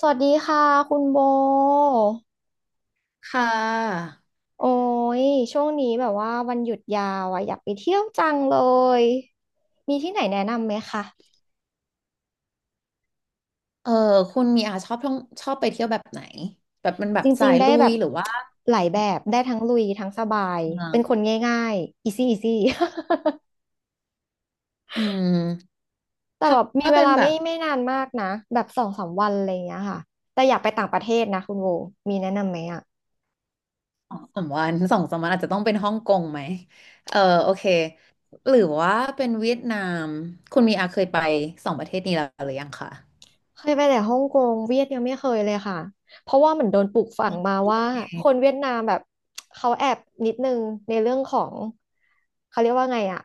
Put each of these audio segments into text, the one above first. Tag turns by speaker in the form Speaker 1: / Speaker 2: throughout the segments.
Speaker 1: สวัสดีค่ะคุณโบ
Speaker 2: ค่ะ
Speaker 1: โอ้ย ช่วงนี้แบบว่าวันหยุดยาวอ่ะอยากไปเที่ยวจังเลย มีที่ไหนแนะนำไหมคะ
Speaker 2: เออคุณมีอาชอบท่องชอบไปเที่ยวแบบไหน แบบมันแบ
Speaker 1: จ
Speaker 2: บ
Speaker 1: ริ
Speaker 2: สา
Speaker 1: ง
Speaker 2: ย
Speaker 1: ๆได้
Speaker 2: ลุ
Speaker 1: แบ
Speaker 2: ย
Speaker 1: บ
Speaker 2: หรือว่า
Speaker 1: หลายแบบได้ทั้งลุยทั้งสบาย
Speaker 2: เมือ
Speaker 1: เป็
Speaker 2: ง
Speaker 1: นคนง่ายๆ easy easy
Speaker 2: อืม
Speaker 1: แต่
Speaker 2: ถ้า
Speaker 1: แบบมีเว
Speaker 2: เป็น
Speaker 1: ลา
Speaker 2: แบ
Speaker 1: ไม่
Speaker 2: บ
Speaker 1: ไม่นานมากนะแบบสองสามวันอะไรอย่างเงี้ยค่ะ แต่อยากไปต่างประเทศนะคุณโบมีแนะนำไหมอ่ะ
Speaker 2: สองสามวันอาจจะต้องเป็นฮ่องกงไหมเออโอเค หรือว่าเป็นเวียดนาม คุณมีอาเคยไปสองประเทศนี้แล้วหรือยังคะ
Speaker 1: เคยไปแต่ฮ่องกงเวียดยังไม่เคยเลยค่ะเพราะว่าเหมือนโดนปลูกฝังมาว่าคนเวียดนามแบบเขาแอบนิดนึงในเรื่องของเขาเรียกว่าไงอะ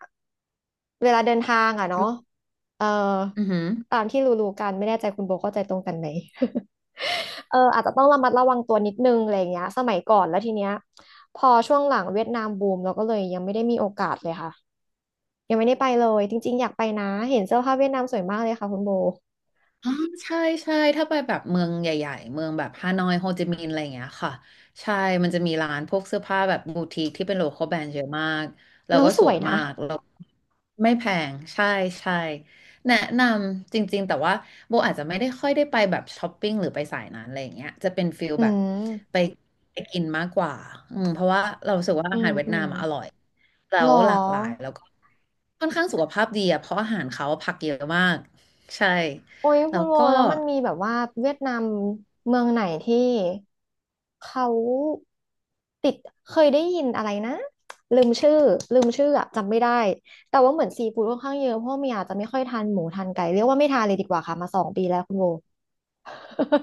Speaker 1: เวลาเดินทางอะเนาะเออ
Speaker 2: อือหือ
Speaker 1: ตามที่รู้ๆกันไม่แน่ใจคุณโบเข้าใจตรงกันไหม เอออาจจะต้องระมัดระวังตัวนิดนึงอะไรอย่างเงี้ยสมัยก่อนแล้วทีเนี้ยพอช่วงหลังเวียดนามบูมเราก็เลยยังไม่ได้มีโอกาสเลยค่ะยังไม่ได้ไปเลยจริงๆอยากไปนะเห็นเสื้อผ้าเวียดนามสวยมากเลยค่ะคุณโบ
Speaker 2: อ๋อใช่ใช่ถ้าไปแบบเมืองใหญ่ๆเมืองแบบฮานอยโฮจิมินห์อะไรอย่างเงี้ยค่ะใช่มันจะมีร้านพวกเสื้อผ้าแบบบูติกที่เป็นโลคอลแบรนด์เยอะมากแล้ว
Speaker 1: แล้ว
Speaker 2: ก็
Speaker 1: ส
Speaker 2: ส
Speaker 1: ว
Speaker 2: ว
Speaker 1: ย
Speaker 2: ยมา
Speaker 1: นะ
Speaker 2: กแล้วไม่แพงใช่ใช่แนะนำจริงๆแต่ว่าโบอาจจะไม่ได้ค่อยได้ไปแบบช้อปปิ้งหรือไปสายนั้นอะไรอย่างเงี้ยจะเป็นฟิล
Speaker 1: อื
Speaker 2: แบบ
Speaker 1: ม
Speaker 2: ไปกินมากกว่าอืมเพราะว่าเรารู้สึกว่า
Speaker 1: อื
Speaker 2: อา
Speaker 1: ม
Speaker 2: หารเวียด
Speaker 1: อื
Speaker 2: นา
Speaker 1: ม
Speaker 2: มอะอร่อยแล้
Speaker 1: หรอ
Speaker 2: วหลากหลายแล้วก็ค่อนข้างสุขภาพดีอะเพราะอาหารเขาผักเยอะมากใช่
Speaker 1: โอ้ยคุ
Speaker 2: แล้
Speaker 1: ณ
Speaker 2: ว
Speaker 1: โว
Speaker 2: ก็
Speaker 1: แล้วมันมีแบบว่าเวียดนามเมืองไหนที่เขาติดเคยได้ยินอะไรนะลืมชื่อลืมชื่ออะจำไม่ได้แต่ว่าเหมือนซีฟู้ดค่อนข้างเยอะเพราะว่าเมียอาจจะไม่ค่อยทานหมูทานไก่เรียกว่าไม่ทานเลยดีกว่าค่ะมาสองปีแล้วคุณโว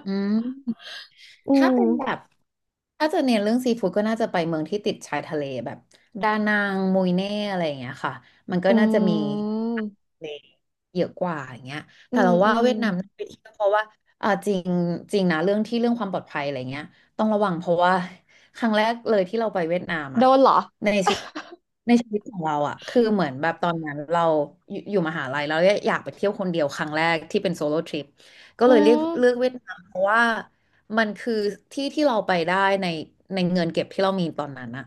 Speaker 2: อืม
Speaker 1: อื
Speaker 2: ถ้า
Speaker 1: ม
Speaker 2: เป็นแบบ ถ้าจะเน้นเรื่องซีฟู้ดก็น่าจะไปเมืองที่ติดชายทะเลแบบดานังมุยเน่อะไรอย่างเงี้ยค่ะ มันก็
Speaker 1: อื
Speaker 2: น่าจะมี
Speaker 1: ม
Speaker 2: เล็กเยอะกว่าอย่างเงี้ย
Speaker 1: อื
Speaker 2: แต่
Speaker 1: ม
Speaker 2: เรา
Speaker 1: อื
Speaker 2: ว่า
Speaker 1: ม
Speaker 2: เวียดนามน่าไปเที่ยวเพราะว่าจริงจริงนะเรื่องที่เรื่องความปลอดภัยอะไรเงี้ยต้องระวังเพราะว่าครั้งแรกเลยที่เราไปเวียดนาม
Speaker 1: โด
Speaker 2: อ่ะ
Speaker 1: นเหรอ
Speaker 2: ในชีวิตของเราอ่ะคือเหมือนแบบตอนนั้นเราอยู่มหาลัยแล้วอยากไปเที่ยวคนเดียวครั้งแรกที่เป็นโซโล่ทริปก็เล
Speaker 1: อื
Speaker 2: ยเลือก
Speaker 1: ม
Speaker 2: เวียดนามเพราะว่ามันคือที่ที่เราไปได้ในเงินเก็บที่เรามีตอนนั้นอ่ะ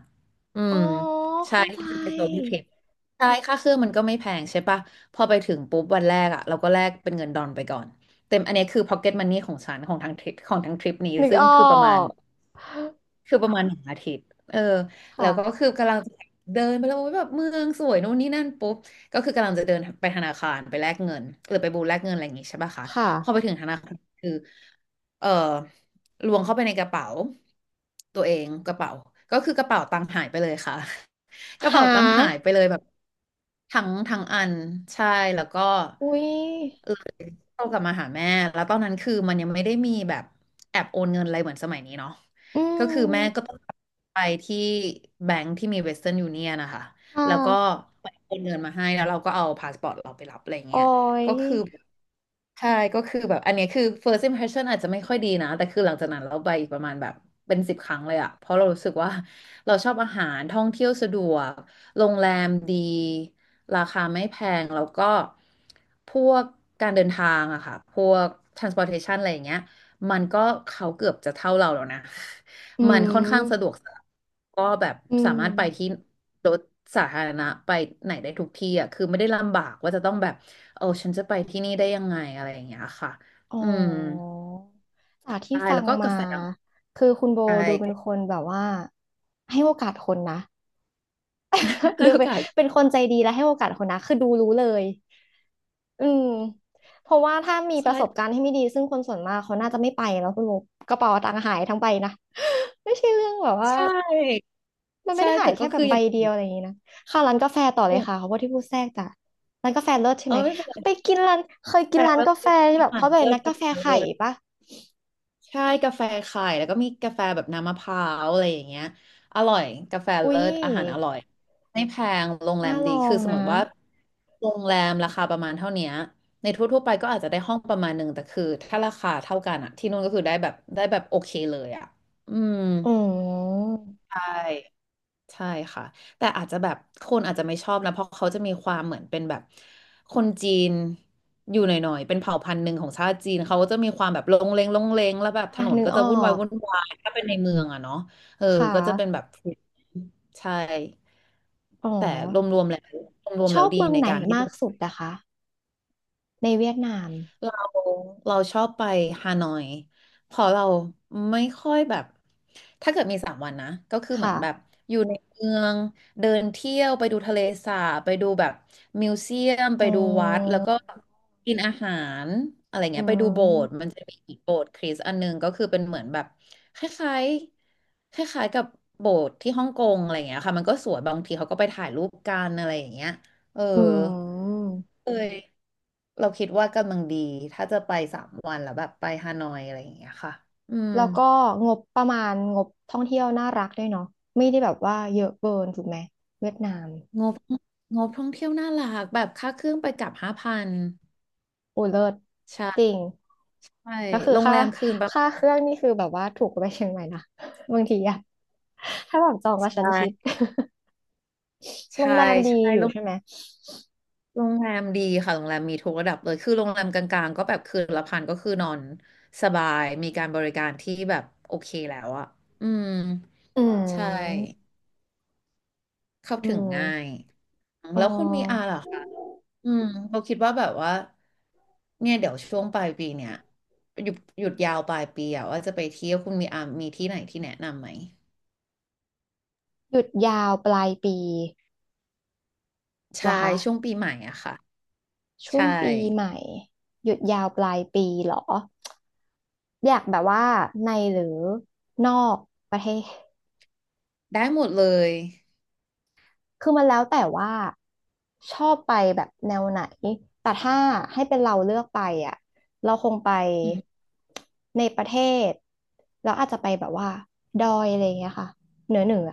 Speaker 2: อื
Speaker 1: อ๋อ
Speaker 2: มใช่
Speaker 1: เข้าใจ
Speaker 2: ที่เป็นโซโล่ทริปใช่ค่าเครื่องมันก็ไม่แพงใช่ปะ พอไปถึงปุ๊บวันแรกอ่ะเราก็แลกเป็นเงินดอลไปก่อนเต็มอันนี้คือ pocket money ของฉันของทางทริปของทางทริปนี้
Speaker 1: นึก
Speaker 2: ซึ่ง
Speaker 1: ออ
Speaker 2: คือประมาณ
Speaker 1: ก
Speaker 2: คือประมาณหนึ่งอาทิตย์เออแล้
Speaker 1: ค่ะ
Speaker 2: วก็คือกำลังเดินไปแล้วแบบเมืองสวยโน่นนี่นั่นปุ๊บก็คือกำลังจะเดินไปธนาคารไปแลกเงินหรือไปบูธแลกเงินอะไรอย่างงี้ใช่ป่ะคะ
Speaker 1: ค่ะ
Speaker 2: พอไปถึงธนาคารคือเออล้วงเข้าไปในกระเป๋าตัวเองกระเป๋าก็คือกระเป๋าตังค์หายไปเลยค่ะ กระเป๋า
Speaker 1: หา
Speaker 2: ตังค์หายไปเลยแบบทั้งอันใช่แล้วก็
Speaker 1: อุ้ย
Speaker 2: โตกลับมาหาแม่ แล้วตอนนั้นคือมันยังไม่ได้มีแบบแอบโอนเงินอะไรเหมือนสมัยนี้เนาะ
Speaker 1: อื
Speaker 2: ก็คือแม่ก็
Speaker 1: ม
Speaker 2: ต้องไปที่แบงก์ที่มีเวสเทิร์นยูเนียนนะคะ
Speaker 1: ค่ะ
Speaker 2: แล้วก็ไปโอนเงินมาให้ แล้วเราก็เอาพาสปอร์ตเราไปรับอะไร
Speaker 1: อ
Speaker 2: เงี้ย
Speaker 1: อย
Speaker 2: ก็คือ ใช่ก็คือแบบอันเนี้ยคือ first impression อาจจะไม่ค่อยดีนะแต่คือหลังจากนั้นเราไปอีกประมาณแบบเป็นสิบครั้งเลยอะเพราะเรารู้สึกว่าเราชอบอาหารท่องเที่ยวสะดวกโรงแรมดีราคาไม่แพงแล้วก็พวกการเดินทางอะค่ะพวก transportation อะไรอย่างเงี้ยมันก็เขาเกือบจะเท่าเราแล้วนะ
Speaker 1: อื
Speaker 2: มันค่อนข้างสะดวก
Speaker 1: ม
Speaker 2: สบายก็แบบ
Speaker 1: อื
Speaker 2: สา
Speaker 1: ม
Speaker 2: มารถไปที่รถสาธารณะไปไหนได้ทุกที่อ่ะคือไม่ได้ลำบากว่าจะต้องแบบเออฉันจะไปที่นี่ได้ยังไงอะไรอย่างเงี้ยค่ะ
Speaker 1: อ๋อ
Speaker 2: อืม
Speaker 1: จากที่
Speaker 2: ใช่
Speaker 1: ฟั
Speaker 2: แล้
Speaker 1: ง
Speaker 2: วก็กา
Speaker 1: มา
Speaker 2: แฟ
Speaker 1: คือคุณโบดูเป็น
Speaker 2: ใช่
Speaker 1: คนแบบว่าให้โอกาสคนนะ
Speaker 2: ให้
Speaker 1: ดู
Speaker 2: โอ
Speaker 1: เป็น
Speaker 2: กา
Speaker 1: เป็
Speaker 2: ส
Speaker 1: นคนใจดีและให้โอกาสคนนะคือดูรู้เลยอืมเพราะว่าถ้ามีประสบกา
Speaker 2: ใช่
Speaker 1: รณ์ที่ไม่ดีซึ่งคนส่วนมากเขาน่าจะไม่ไปแล้วคุณโบกระเป๋าตังค์หายทั้งใบนะ ไม่ใช่เรื่องแบบว่า
Speaker 2: ใช่
Speaker 1: มันไม่
Speaker 2: ใช่
Speaker 1: ได้หา
Speaker 2: แต่
Speaker 1: ยแค่
Speaker 2: ก็
Speaker 1: แบ
Speaker 2: คือ
Speaker 1: บ
Speaker 2: อ
Speaker 1: ใบ
Speaker 2: ย่าง
Speaker 1: เดียวอะไรอย่างนี้นะเข้าร้านกาแฟต่อ
Speaker 2: อ
Speaker 1: เลย
Speaker 2: ย่าง
Speaker 1: ค่ะเขาพูดที่พูดแทรกจ้ะร้านกาแฟเลิศใช่
Speaker 2: เออ
Speaker 1: ไหม
Speaker 2: ไม่เป็น
Speaker 1: ไป
Speaker 2: ไร
Speaker 1: กินร้านเคย
Speaker 2: กา
Speaker 1: กิ
Speaker 2: แฟ
Speaker 1: นร้านกาแฟ
Speaker 2: เลิศ
Speaker 1: ที่
Speaker 2: อา
Speaker 1: แบบ
Speaker 2: หาร
Speaker 1: เขาเป็
Speaker 2: เลิ
Speaker 1: น
Speaker 2: ศ
Speaker 1: นัก
Speaker 2: กา
Speaker 1: กาแฟ
Speaker 2: แฟ
Speaker 1: ไข่
Speaker 2: เลิศ
Speaker 1: ปะ
Speaker 2: ใช่กาแฟไข่แล้วก็มีกาแฟแบบน้ำมะพร้าวอะไรอย่างเงี้ยอร่อยกาแฟ
Speaker 1: อุ้
Speaker 2: เลิ
Speaker 1: ย
Speaker 2: ศอาหารอร่อยไม่แพงโรงแร
Speaker 1: น่า
Speaker 2: ม
Speaker 1: ล
Speaker 2: ดี
Speaker 1: อ
Speaker 2: คื
Speaker 1: ง
Speaker 2: อสม
Speaker 1: นะ
Speaker 2: มติว่าโรงแรมราคาประมาณเท่าเนี้ยในทั่วๆไปก็อาจจะได้ห้องประมาณหนึ่งแต่คือถ้าราคาเท่ากันอะที่นู่นก็คือได้แบบโอเคเลยอะอืม
Speaker 1: อืม
Speaker 2: ใช่ ใช่ค่ะแต่อาจจะแบบคนอาจจะไม่ชอบนะเพราะเขาจะมีความเหมือนเป็นแบบคนจีนอยู่หน่อยๆเป็นเผ่าพันธุ์หนึ่งของชาติจีนเขาก็จะมีความแบบลงเลงแล้วแบบถ
Speaker 1: อ่ะ
Speaker 2: นน
Speaker 1: นึก
Speaker 2: ก็
Speaker 1: อ
Speaker 2: จะ
Speaker 1: อ
Speaker 2: วุ่นวาย
Speaker 1: ก
Speaker 2: ถ้าเป็นในเมืองอะเนาะเออ
Speaker 1: ค
Speaker 2: ก็จะเป็น
Speaker 1: ่ะ
Speaker 2: แบบใช่
Speaker 1: อ๋อ
Speaker 2: แต่รวมๆแล้วรวม
Speaker 1: ช
Speaker 2: ๆแล้
Speaker 1: อ
Speaker 2: ว
Speaker 1: บ
Speaker 2: ดี
Speaker 1: เมือง
Speaker 2: ใน
Speaker 1: ไหน
Speaker 2: การที่
Speaker 1: มา
Speaker 2: ดู
Speaker 1: กสุดนะคะในเวียดนาม
Speaker 2: เราเราชอบไปฮานอยเพอเราไม่ค่อยแบบถ้าเกิดมีสามวันนะก็คือเหมือนแบบ
Speaker 1: ค่ะ
Speaker 2: อยู่ในเมืองเดินเที่ยวไปดูทะเลสาบไปดูแบบมิวเซียมไป
Speaker 1: อ๋อ
Speaker 2: ดูวัดแล้วก็กินอาหารอะไร
Speaker 1: อื
Speaker 2: เงี้ยไปดูโบสถ์
Speaker 1: ม
Speaker 2: มันจะมีอีกโบสถ์คริสต์อันหนึงก็คือเป็นเหมือนแบบคล้ายๆคล้ายๆกับโบสถ์ที่ฮ่องกงอะไรเงี้ยค่ะมันก็สวยบางทีเขาก็ไปถ่ายรูปกันอะไรอย่างเงี้ยเออ
Speaker 1: อืม
Speaker 2: เอ้ยเราคิดว่ากำลังดีถ้าจะไปสามวันแล้วแบบไปฮานอยอะไรอย่างเงี้ยค่ะอืม
Speaker 1: แล้วก็งบประมาณงบท่องเที่ยวน่ารักด้วยเนาะไม่ได้แบบว่าเยอะเกินถูกไหมเวียดนาม
Speaker 2: งบงบท่องเที่ยวน่ารักแบบค่าเครื่องไปกลับห้าพัน
Speaker 1: โอุ้เลิศจริ
Speaker 2: ใช่
Speaker 1: ง
Speaker 2: ใช่
Speaker 1: ก็คือ
Speaker 2: โรง
Speaker 1: ค่า
Speaker 2: แรมคืนแบบ
Speaker 1: ค่าเครื่องนี่คือแบบว่าถูกกว่าไปเชียงใหม่นะ บางทีอะถ้าแบบจองกั
Speaker 2: ใช
Speaker 1: บชั้นชิด
Speaker 2: ่
Speaker 1: โรง
Speaker 2: ใช่
Speaker 1: แรมดี
Speaker 2: ใช่
Speaker 1: อยู่ใช่ไหม
Speaker 2: โรงแรมดีค่ะโรงแรมมีทุกระดับเลยคือโรงแรมกลางๆก็แบบคืนละพันก็คือนอนสบายมีการบริการที่แบบโอเคแล้วอะอืม
Speaker 1: อื
Speaker 2: ใช่
Speaker 1: ม
Speaker 2: เข้า
Speaker 1: อื
Speaker 2: ถึงง่าย
Speaker 1: มอ
Speaker 2: แล้วคุณมีอา
Speaker 1: ออ
Speaker 2: เหรอ อืมเราคิดว่าแบบว่าเนี่ยเดี๋ยวช่วงปลายปีเนี่ยหยุดยาวปลายปีอะว่าจะไปเที่ยวคุณมีอามีที่ไหนที่แนะนำไหม
Speaker 1: หยุดยาวปลายปีเหร
Speaker 2: ใช่
Speaker 1: อคะ
Speaker 2: ช่วงปีใหม่อะค่ะ
Speaker 1: ช่ว
Speaker 2: ใช่
Speaker 1: งปีใหม่หยุดยาวปลายปีเหรออยากแบบว่าในหรือนอกประเทศ
Speaker 2: ได้หมดเลย
Speaker 1: คือมันแล้วแต่ว่าชอบไปแบบแนวไหน แต่ถ้าให้เป็นเราเลือกไปอ่ะ เราคงไป
Speaker 2: อืม
Speaker 1: ในประเทศแล้วอาจจะไปแบบว่าดอยอะไรอย่างเงี้ยค่ะเหนือเหนือ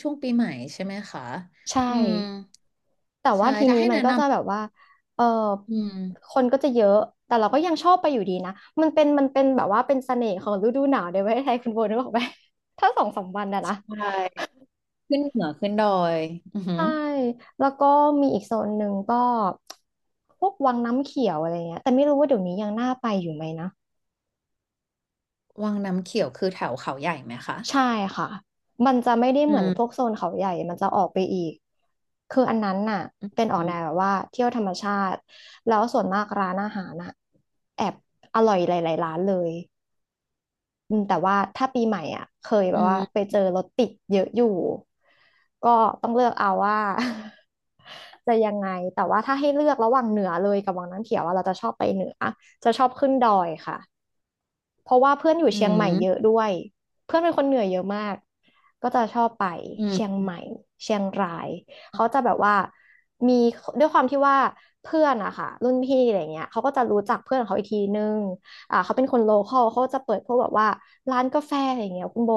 Speaker 2: ช่วงปีใหม่ใช่ไหมคะ
Speaker 1: ใช่
Speaker 2: อืม
Speaker 1: แต่ว่า
Speaker 2: ใช่
Speaker 1: ที
Speaker 2: ถ้า
Speaker 1: นี้
Speaker 2: ให้
Speaker 1: มัน
Speaker 2: แนะ
Speaker 1: ก็
Speaker 2: น
Speaker 1: จะแบบว่าเออ
Speaker 2: ำอืม
Speaker 1: คนก็จะเยอะ แต่เราก็ยังชอบไปอยู่ดีนะมันเป็นแบบว่าเป็นเสน่ห์ของฤดูหนาวในประเทศไทยคุณโบนึกออกไหม ถ้าสองสามวันนะ
Speaker 2: ใช
Speaker 1: นะ
Speaker 2: ่ขึ้นเหนือขึ้นดอยอือหือ
Speaker 1: ใช่ แล้วก็มีอีกโซนหนึ่งก็พวกวังน้ำเขียวอะไรเงี้ย แต่ไม่รู้ว่าเดี๋ยวนี้ยังน่าไปอยู่ไหมนะ
Speaker 2: วังน้ำเขียวคือแถวเขาใหญ่ไหมคะ
Speaker 1: ใช่ค่ะ มันจะไม่ได้
Speaker 2: อื
Speaker 1: เหมือน
Speaker 2: ม
Speaker 1: พวกโซนเขาใหญ่ มันจะออกไปอีก คืออันนั้นน่ะเป็นออ
Speaker 2: อื
Speaker 1: กแน
Speaker 2: ม
Speaker 1: วแบบว่าเที่ยวธรรมชาติแล้วส่วนมากร้านอาหารน่ะแอบอร่อยหลายๆร้านเลย อืมแต่ว่าถ้าปีใหม่อ่ะเคยแบ
Speaker 2: อื
Speaker 1: บว่า
Speaker 2: ม
Speaker 1: ไปเจอรถติดเยอะอยู่ก็ต้องเลือกเอาว่า จะยังไงแต่ว่าถ้าให้เลือกระหว่างเหนือเลยกับวังน้ำเขียวว่าเราจะชอบไปเหนือจะชอบขึ้นดอยค่ะ เพราะว่าเพื่อนอยู่
Speaker 2: อื
Speaker 1: เชียงใหม่เยอะ
Speaker 2: ม
Speaker 1: ด้วย เพื่อนเป็นคนเหนือเยอะมาก ก็จะชอบไป
Speaker 2: อื
Speaker 1: เชี
Speaker 2: ม
Speaker 1: ยงใหม่เชียงราย เขาจะแบบว่ามีด้วยความที่ว่าเพื่อนอะค่ะรุ่นพี่อะไรเงี้ยเขาก็จะรู้จักเพื่อนของเขาอีกทีนึงอ่าเขาเป็นคนโลคอลเขาก็จะเปิดพวกแบบว่าร้านกาแฟอะไรเงี้ยคุณโบ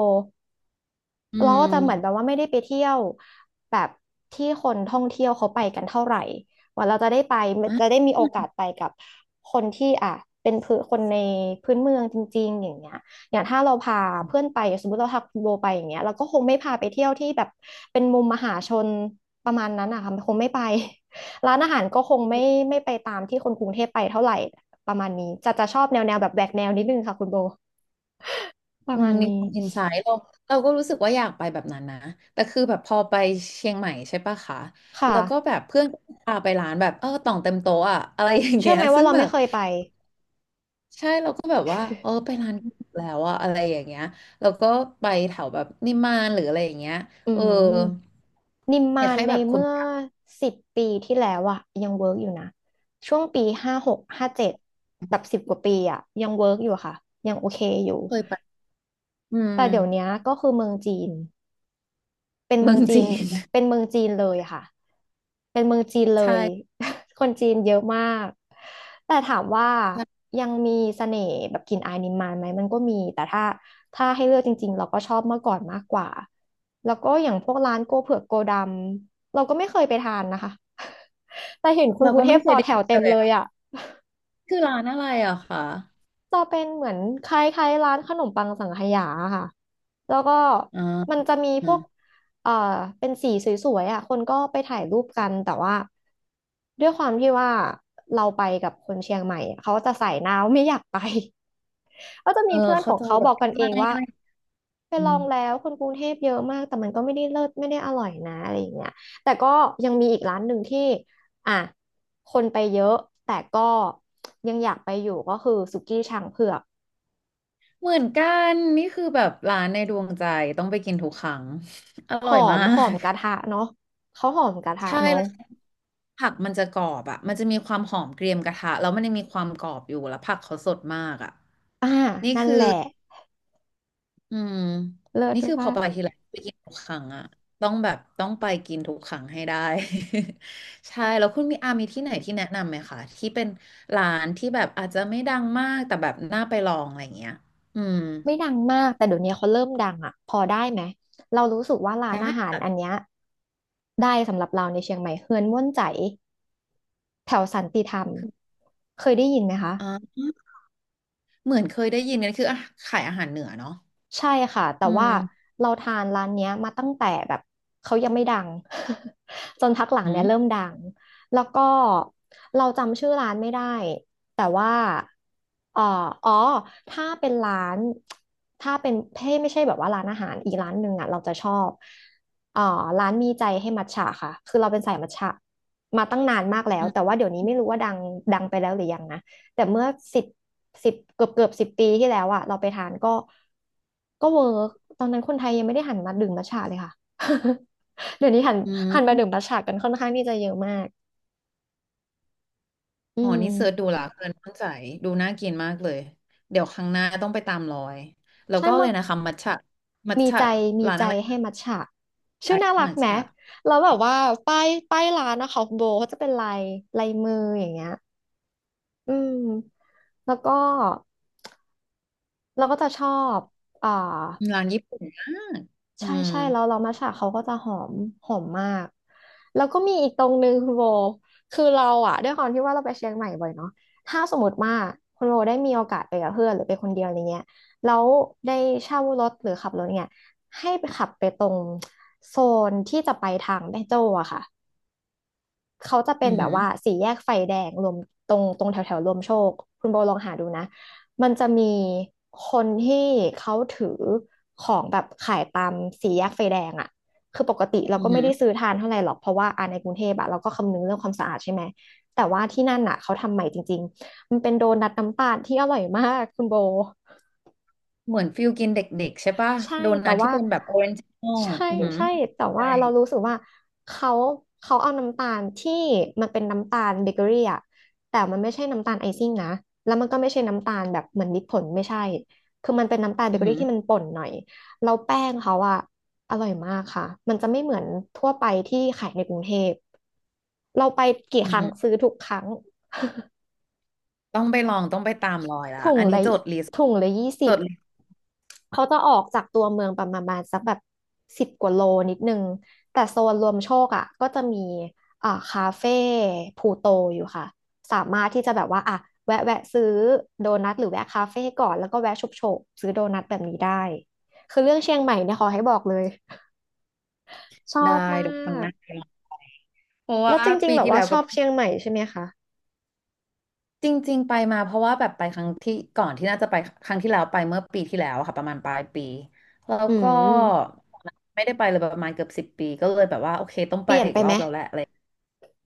Speaker 2: อื
Speaker 1: เราก็
Speaker 2: ม
Speaker 1: จะเหมือนแบบว่าไม่ได้ไปเที่ยวแบบที่คนท่องเที่ยวเขาไปกันเท่าไหร่ ว่าเราจะได้ไป
Speaker 2: อืม
Speaker 1: จะได้
Speaker 2: อ่ะ
Speaker 1: มีโอกาสไปกับคนที่อ่ะเป็นพื้นคนในพื้นเมืองจริงๆอย่างเงี้ยอย่างถ้าเราพาเพื่อนไปสมมติเราพาคุณโบไปอย่างเงี้ยเราก็คงไม่พาไปเที่ยวที่แบบเป็นมุมมหาชนประมาณนั้นอะค่ะคงไม่ไป ร้านอาหารก็คงไม่ไปตามที่คนกรุงเทพไปเท่าไหร่ประมาณนี้จะชอบแนวแบบแหวกแนวนิดนึงค่ะคุณโบประ
Speaker 2: อื
Speaker 1: มา
Speaker 2: ม
Speaker 1: ณ
Speaker 2: มีค
Speaker 1: นี้
Speaker 2: วามอินไซต์เราก็รู้สึกว่าอยากไปแบบนั้นนะแต่คือแบบพอไปเชียงใหม่ใช่ปะคะ
Speaker 1: ค่ะ
Speaker 2: แล้วก็แบบเพื่อนก็พาไปร้านแบบเออต่องเต็มโต๊ะอะอะไรอย่าง
Speaker 1: เชื่
Speaker 2: เงี้
Speaker 1: อ
Speaker 2: ย
Speaker 1: ไหมว่า
Speaker 2: ซึ่ง
Speaker 1: เรา
Speaker 2: แบ
Speaker 1: ไม่
Speaker 2: บ
Speaker 1: เคยไป
Speaker 2: ใช่เราก็แบบว่าเออไปร้านที่ถูกแล้วอะอะไรอย่างเงี้ยแล้วก็ไปแถวแบบนิมมานหรืออะไรอย่างเงี้ย
Speaker 1: อื
Speaker 2: เออ
Speaker 1: มนิม
Speaker 2: อ
Speaker 1: มา
Speaker 2: ยาก
Speaker 1: น
Speaker 2: ให้
Speaker 1: ใน
Speaker 2: แบบคุณ
Speaker 1: เมื่อสิบปีที่แล้วอะยังเวิร์กอยู่นะช่วงปีห้าหกห้าเจ็ดแบบสิบกว่าปีอะยังเวิร์กอยู่ค่ะยังโอเคอยู่
Speaker 2: เคยไปอืม
Speaker 1: แต่เดี๋ยวเนี้ยก็คือเมืองจีน เป็นเมื
Speaker 2: เมื
Speaker 1: อ
Speaker 2: อ
Speaker 1: ง
Speaker 2: ง
Speaker 1: จี
Speaker 2: จี
Speaker 1: น
Speaker 2: น
Speaker 1: เป็นเมืองจีนเลยค่ะเป็นเมืองจีนเล ย
Speaker 2: ใช่
Speaker 1: คนจีนเยอะมากแต่ถามว่า
Speaker 2: ใช่
Speaker 1: ยังมีเสน่ห์แบบกลิ่นอายนิมมานไหมมันก็มีแต่ถ้าให้เลือกจริงๆเราก็ชอบเมื่อก่อนมากกว่าแล้วก็อย่างพวกร้านโกเผือกโกดำเราก็ไม่เคยไปทานนะคะ แต่เห็นคน
Speaker 2: เรา
Speaker 1: กรุ
Speaker 2: ก็
Speaker 1: งเท
Speaker 2: ไม่
Speaker 1: พ
Speaker 2: เค
Speaker 1: ต่อ
Speaker 2: ยได้
Speaker 1: แถ
Speaker 2: ยิ
Speaker 1: ว
Speaker 2: น
Speaker 1: เต็
Speaker 2: เล
Speaker 1: ม
Speaker 2: ย
Speaker 1: เลย
Speaker 2: อะ
Speaker 1: อ่ะ
Speaker 2: คือร้านอะไรอะคะ
Speaker 1: จะเป็นเหมือนคล้ายๆร้านขนมปังสังขยาค่ะแล้วก็
Speaker 2: อ่า
Speaker 1: มันจะมี
Speaker 2: อื
Speaker 1: พว
Speaker 2: ม
Speaker 1: กเอ่อเป็นสีสวยๆอ่ะคนก็ไปถ่ายรูปกันแต่ว่าด้วยความที่ว่าเราไปกับคนเชียงใหม่อะเขาจะใส่หนาวไม่อยากไป ก็จะ
Speaker 2: เอ
Speaker 1: มี
Speaker 2: อ
Speaker 1: เพื่อนข
Speaker 2: เข้า
Speaker 1: อง
Speaker 2: ใจ
Speaker 1: เขา
Speaker 2: แบ
Speaker 1: บ
Speaker 2: บ
Speaker 1: อกกันเอ
Speaker 2: ไม่
Speaker 1: งว่า
Speaker 2: อะไร
Speaker 1: ไป
Speaker 2: อื
Speaker 1: ล
Speaker 2: ม
Speaker 1: องแล้วคนกรุงเทพเยอะมากแต่มันก็ไม่ได้เลิศไม่ได้อร่อยนะอะไรอย่างเงี้ยแต่ก็ยังมีอีกร้านหนึ่งที่อ่ะคนไปเยอะแต่ก็ยังอยากไปอยู่ก็คือสุกี้ช้างเผือก
Speaker 2: เหมือนกันนี่คือแบบร้านในดวงใจต้องไปกินทุกครั้ง อ
Speaker 1: ห
Speaker 2: ร่อ
Speaker 1: อ
Speaker 2: ยมา
Speaker 1: มหอม
Speaker 2: ก
Speaker 1: กระทะ เนาะเขาหอมกระทะ
Speaker 2: ใช่
Speaker 1: เนาะ
Speaker 2: แล้วผักมันจะกรอบอ่ะมันจะมีความหอมเกรียมกระทะแล้วมันยังมีความกรอบอยู่แล้วผักเขาสดมากอ่ะ
Speaker 1: อ่า
Speaker 2: นี่
Speaker 1: นั่น
Speaker 2: คือ
Speaker 1: แหละ
Speaker 2: อืม
Speaker 1: เลิศ
Speaker 2: นี่คือพ
Speaker 1: ว่า
Speaker 2: อไปทีไรไปกินทุกครั้งอ่ะต้องแบบต้องไปกินทุกครั้งให้ได้ ใช่แล้วคุณมีอามีที่ไหนที่แนะนำไหมคะที่เป็นร้านที่แบบอาจจะไม่ดังมากแต่แบบน่าไปลองอะไรอย่างเงี้ยอืม
Speaker 1: ไม่ดังมากแต่เดี๋ยวนี้เขาเริ่มดังอ่ะพอได้ไหมเรารู้สึกว่าร้าน
Speaker 2: ได้
Speaker 1: อาหารอัน
Speaker 2: ค่ะ
Speaker 1: เนี้ยได้สำหรับเราในเชียงใหม่เฮือนม่วนใจแถวสันติธรรมเคยได้ยินไหมคะ
Speaker 2: อ๋อเหมือนเคยได้ยินกันคืออ่ะขายอาหารเหนือเนาะ
Speaker 1: ใช่ค่ะแต่
Speaker 2: อื
Speaker 1: ว่า
Speaker 2: ม
Speaker 1: เราทานร้านเนี้ยมาตั้งแต่แบบเขายังไม่ดัง จนพักหลัง
Speaker 2: อื
Speaker 1: เนี่ยเริ่ม
Speaker 2: ม
Speaker 1: ดังแล้วก็เราจำชื่อร้านไม่ได้แต่ว่าเอ่ออ๋อถ้าเป็นร้านถ้าเป็นเพ่ไม่ใช่แบบว่าร้านอาหารอีกร้านหนึ่งอ่ะเราจะชอบเอ่อร้านมีใจให้มัทฉะค่ะคือเราเป็นสายมัทฉะมาตั้งนานมากแล้ว
Speaker 2: อื
Speaker 1: แต่
Speaker 2: ม
Speaker 1: ว่าเดี๋ยวนี้ไม่รู้ว่าดังไปแล้วหรือยังนะ แต่เมื่อสิบสิบเกือบสิบปีที่แล้วอะเราไปทานก็เวิร์กตอนนั้นคนไทยยังไม่ได้หันมาดื่มมัทฉะเลยค่ะ เดี๋ยวนี้หัน
Speaker 2: อื
Speaker 1: หันมาดื่ม
Speaker 2: ม
Speaker 1: มัทฉะกันค่อนข้างที่จะเยอะมากอื
Speaker 2: อ๋อนี่เสิร์ชดู
Speaker 1: ม
Speaker 2: ละเกินมั่นใจดูน่ากินมากเลยเดี๋ยวครั้งหน้าต้องไปตามรอยแล้ว
Speaker 1: ใช่
Speaker 2: ก็เล
Speaker 1: มะ
Speaker 2: ยนะคะมัทฉะมัท
Speaker 1: มี
Speaker 2: ฉะ
Speaker 1: ใจมี
Speaker 2: ร้าน
Speaker 1: ใจ
Speaker 2: อะไร
Speaker 1: ให้มัทฉะ
Speaker 2: ไป
Speaker 1: ชื่อน่ารัก
Speaker 2: มัท
Speaker 1: ไหม
Speaker 2: ฉะ
Speaker 1: แล้วแบบว่าป้ายร้านนะคะคุโบเขาจะเป็นลายมืออย่างเงี้ยอืมแล้วก็เราก็จะชอบอ่า
Speaker 2: ร้านญี่ปุ่นมากอื
Speaker 1: ใช่
Speaker 2: ม
Speaker 1: ใช่แล้วเรามัทฉะเขาก็จะหอมมากแล้วก็มีอีกตรงนึงคุณโบคือเราอะด้วยความที่ว่าเราไปเชียงใหม่บ่อยเนาะถ้าสมมติว่าคุณโบได้มีโอกาสไปกับเพื่อนหรือไปคนเดียวอะไรเงี้ยแล้วได้เช่ารถหรือขับรถเนี่ยให้ไปขับไปตรงโซนที่จะไปทางแม่โจ้อะค่ะ เขาจะเป็
Speaker 2: อื
Speaker 1: น
Speaker 2: อ
Speaker 1: แบ
Speaker 2: หื
Speaker 1: บ
Speaker 2: อ
Speaker 1: ว่าสี่แยกไฟแดงรวมตรงแถวแถวรวมโชคคุณโบลองหาดูนะมันจะมีคนที่เขาถือของแบบขายตามสี่แยกไฟแดงอ่ะคือปกติเรา
Speaker 2: อือ
Speaker 1: ก็
Speaker 2: หื
Speaker 1: ไม่
Speaker 2: อ
Speaker 1: ได้ซื้อทานเท่าไหร่หรอกเพราะว่าอ่าในกรุงเทพอะเราก็คำนึงเรื่องความสะอาดใช่ไหมแต่ว่าที่นั่นอ่ะเขาทำใหม่จริงๆมันเป็นโดนัทน้ำตาลที่อร่อยมากคุณโบ
Speaker 2: เหมือนฟิลกินเด็กๆใช่ป่ะ
Speaker 1: ใช่
Speaker 2: โด
Speaker 1: แต่
Speaker 2: นัทที่
Speaker 1: ว่า
Speaker 2: เป็นแบบออเรนจ์โน่
Speaker 1: ใช่
Speaker 2: อือหือ
Speaker 1: ใช่แต่
Speaker 2: ใช่
Speaker 1: ว่าเรารู้สึกว่าเขาเขาเอาน้ำตาลที่มันเป็นน้ำตาลเบเกอรี่อะแต่มันไม่ใช่น้ำตาลไอซิ่งนะแล้วมันก็ไม่ใช่น้ำตาลแบบเหมือนมิตรผลไม่ใช่คือมันเป็นน้ำตาลเบ
Speaker 2: อือ
Speaker 1: เกอ
Speaker 2: หื
Speaker 1: รี่
Speaker 2: อ
Speaker 1: ที่มันป่นหน่อยแล้วแป้งเขาอะอร่อยมากค่ะมันจะไม่เหมือนทั่วไปที่ขายในกรุงเทพเราไปกี่
Speaker 2: อื
Speaker 1: ค
Speaker 2: อ
Speaker 1: รั้ง
Speaker 2: หือ
Speaker 1: ซื้อทุกครั้ง
Speaker 2: ต้องไปลองต้องไปตามรอยละ
Speaker 1: ถุง
Speaker 2: อันนี้
Speaker 1: ละ
Speaker 2: จดลิสต์
Speaker 1: ถุงละยี่
Speaker 2: จ
Speaker 1: สิบ
Speaker 2: ดลิสต์
Speaker 1: เขาจะออกจากตัวเมืองประมาณสักแบบสิบกว่าโลนิดนึงแต่โซนรวมโชคอ่ะก็จะมีอ่าคาเฟ่พลูโตอยู่ค่ะสามารถที่จะแบบว่าอ่ะแวะซื้อโดนัทหรือแวะคาเฟ่ก่อนแล้วก็แวะชุบโฉบซื้อโดนัทแบบนี้ได้คือเรื่องเชียงใหม่เนี่ยขอให้บอกเลยชอ
Speaker 2: ได้
Speaker 1: บมา
Speaker 2: เดี๋ยวครั้งห
Speaker 1: ก
Speaker 2: น้าไปลอง เพราะว่า
Speaker 1: แล้วจริง
Speaker 2: ปี
Speaker 1: ๆแบบ
Speaker 2: ที่แล้
Speaker 1: ว่า
Speaker 2: ว
Speaker 1: ช
Speaker 2: ก็
Speaker 1: อบเชียงใหม่ใช่ไหมคะ
Speaker 2: จริงๆไปมาเพราะว่าแบบไปครั้งที่ก่อนที่น่าจะไปครั้งที่แล้วไปเมื่อปีที่แล้วอะค่ะประมาณปลายปีแล้ว
Speaker 1: อืม
Speaker 2: ก็ไม่ได้ไปเลยประมาณเกือบสิบปีก็เลยแบบว่าโอเคต้อง
Speaker 1: เป
Speaker 2: ไป
Speaker 1: ลี่ยน
Speaker 2: อี
Speaker 1: ไป
Speaker 2: กร
Speaker 1: ไห
Speaker 2: อ
Speaker 1: ม
Speaker 2: บแล้วแหละอะไร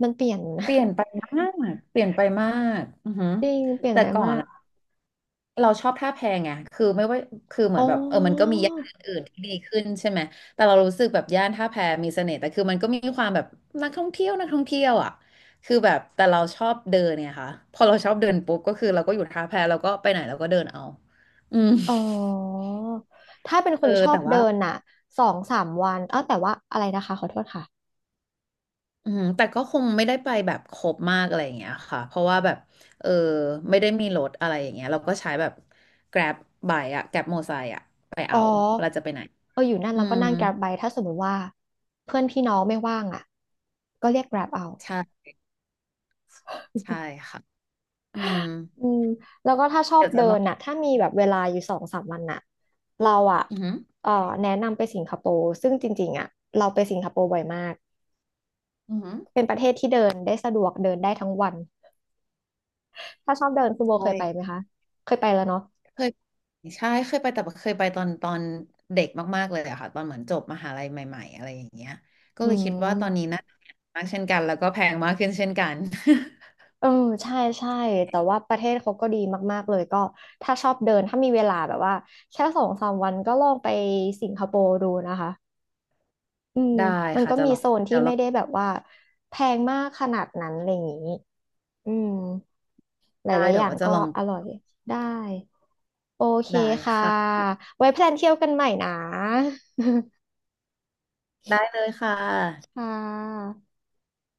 Speaker 1: มันเปลี่ยน
Speaker 2: เปลี่ยนไปมากเปลี่ยนไปมากอือหือ
Speaker 1: จริงเปลี่ยน
Speaker 2: แต่
Speaker 1: ไป
Speaker 2: ก่อน
Speaker 1: มาก
Speaker 2: อะ เราชอบท่าแพไงคือไม่ว่าคือเหมื
Speaker 1: อ๋
Speaker 2: อนแบบเออมันก็
Speaker 1: อ
Speaker 2: มีย่านอื่นที่ดีขึ้นใช่ไหมแต่เรารู้สึกแบบย่านท่าแพมีเสน่ห์แต่คือมันก็มีความแบบนักท่องเที่ยวอ่ะคือแบบแต่เราชอบเดินเนี่ยค่ะพอเราชอบเดินปุ๊บก็คือเราก็อยู่ท่าแพเราก็ไปไหนเราก็เดินเอาอืม
Speaker 1: อ๋อถ้าเป็นค
Speaker 2: เออ
Speaker 1: นชอ
Speaker 2: แต่
Speaker 1: บเดิ
Speaker 2: ว่า
Speaker 1: นน่ะสองสามวันเอ้าแต่ว่าอะไรนะคะขอโทษค่ะ
Speaker 2: อืมแต่ก็คงไม่ได้ไปแบบครบมากอะไรอย่างเงี้ยค่ะเพราะว่าแบบเออไม่ได้มีรถอะไรอย่างเงี้ยเราก็ใช้แบบ Grab ไบค์อะ Grab มอเตอร์ไซค์อะไป
Speaker 1: อ๋อ
Speaker 2: เอาเวลาจะไปไหน
Speaker 1: เอออยู่นั่น
Speaker 2: อื
Speaker 1: แล้วก็
Speaker 2: ม
Speaker 1: นั่ง Grab ไปถ้าสมมติว่าเพื่อนพี่น้องไม่ว่างอ่ะก็เรียก Grab เอา
Speaker 2: ใช่ ใช่ค่ะอืม
Speaker 1: อืมแล้วก็ถ้าชอบ
Speaker 2: เดี๋ยว
Speaker 1: เดิ
Speaker 2: จะลอ
Speaker 1: น
Speaker 2: ง
Speaker 1: น่ะถ้ามีแบบเวลาอยู่สองสามวันน่ะเราอ่ะ
Speaker 2: อือหือ
Speaker 1: เออแนะนำไปสิงคโปร์ซึ่งจริงๆอ่ะเราไปสิงคโปร์บ่อยมาก
Speaker 2: อือหือ
Speaker 1: เป็นประเทศที่เดินได้สะดวกเดินได้ทั้งวันถ้าชอบเดินคุณโบเคยไป
Speaker 2: ไป
Speaker 1: ไหมคะเคยไปแล้วเนาะ
Speaker 2: เคยใช่เคยไปแต่เคยไปตอนเด็กมากๆเลยอะค่ะตอนเหมือนจบมหาลัยใหม่ๆอะไรอย่างเงี้ยก็
Speaker 1: อื
Speaker 2: เลยคิดว่าตอนนี้
Speaker 1: ม
Speaker 2: น่าจะแพงมากเช่นกันแล้วก็แพงมากขึ้นเช่นกัน
Speaker 1: เออใช่ใช่แต่ว่าประเทศเขาก็ดีมากๆเลยก็ถ้าชอบเดินถ้ามีเวลาแบบว่าแค่สองสามวันก็ลองไปสิงคโปร์ดูนะคะอืม
Speaker 2: ได้
Speaker 1: มัน
Speaker 2: ค่ะ
Speaker 1: ก็
Speaker 2: จะ
Speaker 1: มี
Speaker 2: ลอง
Speaker 1: โซนที่
Speaker 2: เดี๋ยวล
Speaker 1: ไม่
Speaker 2: อง
Speaker 1: ได้แบบว่าแพงมากขนาดนั้นอะไรอย่างนี้อืมห
Speaker 2: ได้
Speaker 1: ลายๆอ
Speaker 2: เดี๋ยว
Speaker 1: ย่าง
Speaker 2: ว่าจะ
Speaker 1: ก็
Speaker 2: ลอง
Speaker 1: อร่อยได้โอเค
Speaker 2: ได้
Speaker 1: ค่ะ
Speaker 2: ค่ะ
Speaker 1: ไว้แพลนเที่ยวกันใหม่นะ
Speaker 2: ได้เลยค่ะ
Speaker 1: ค่ะ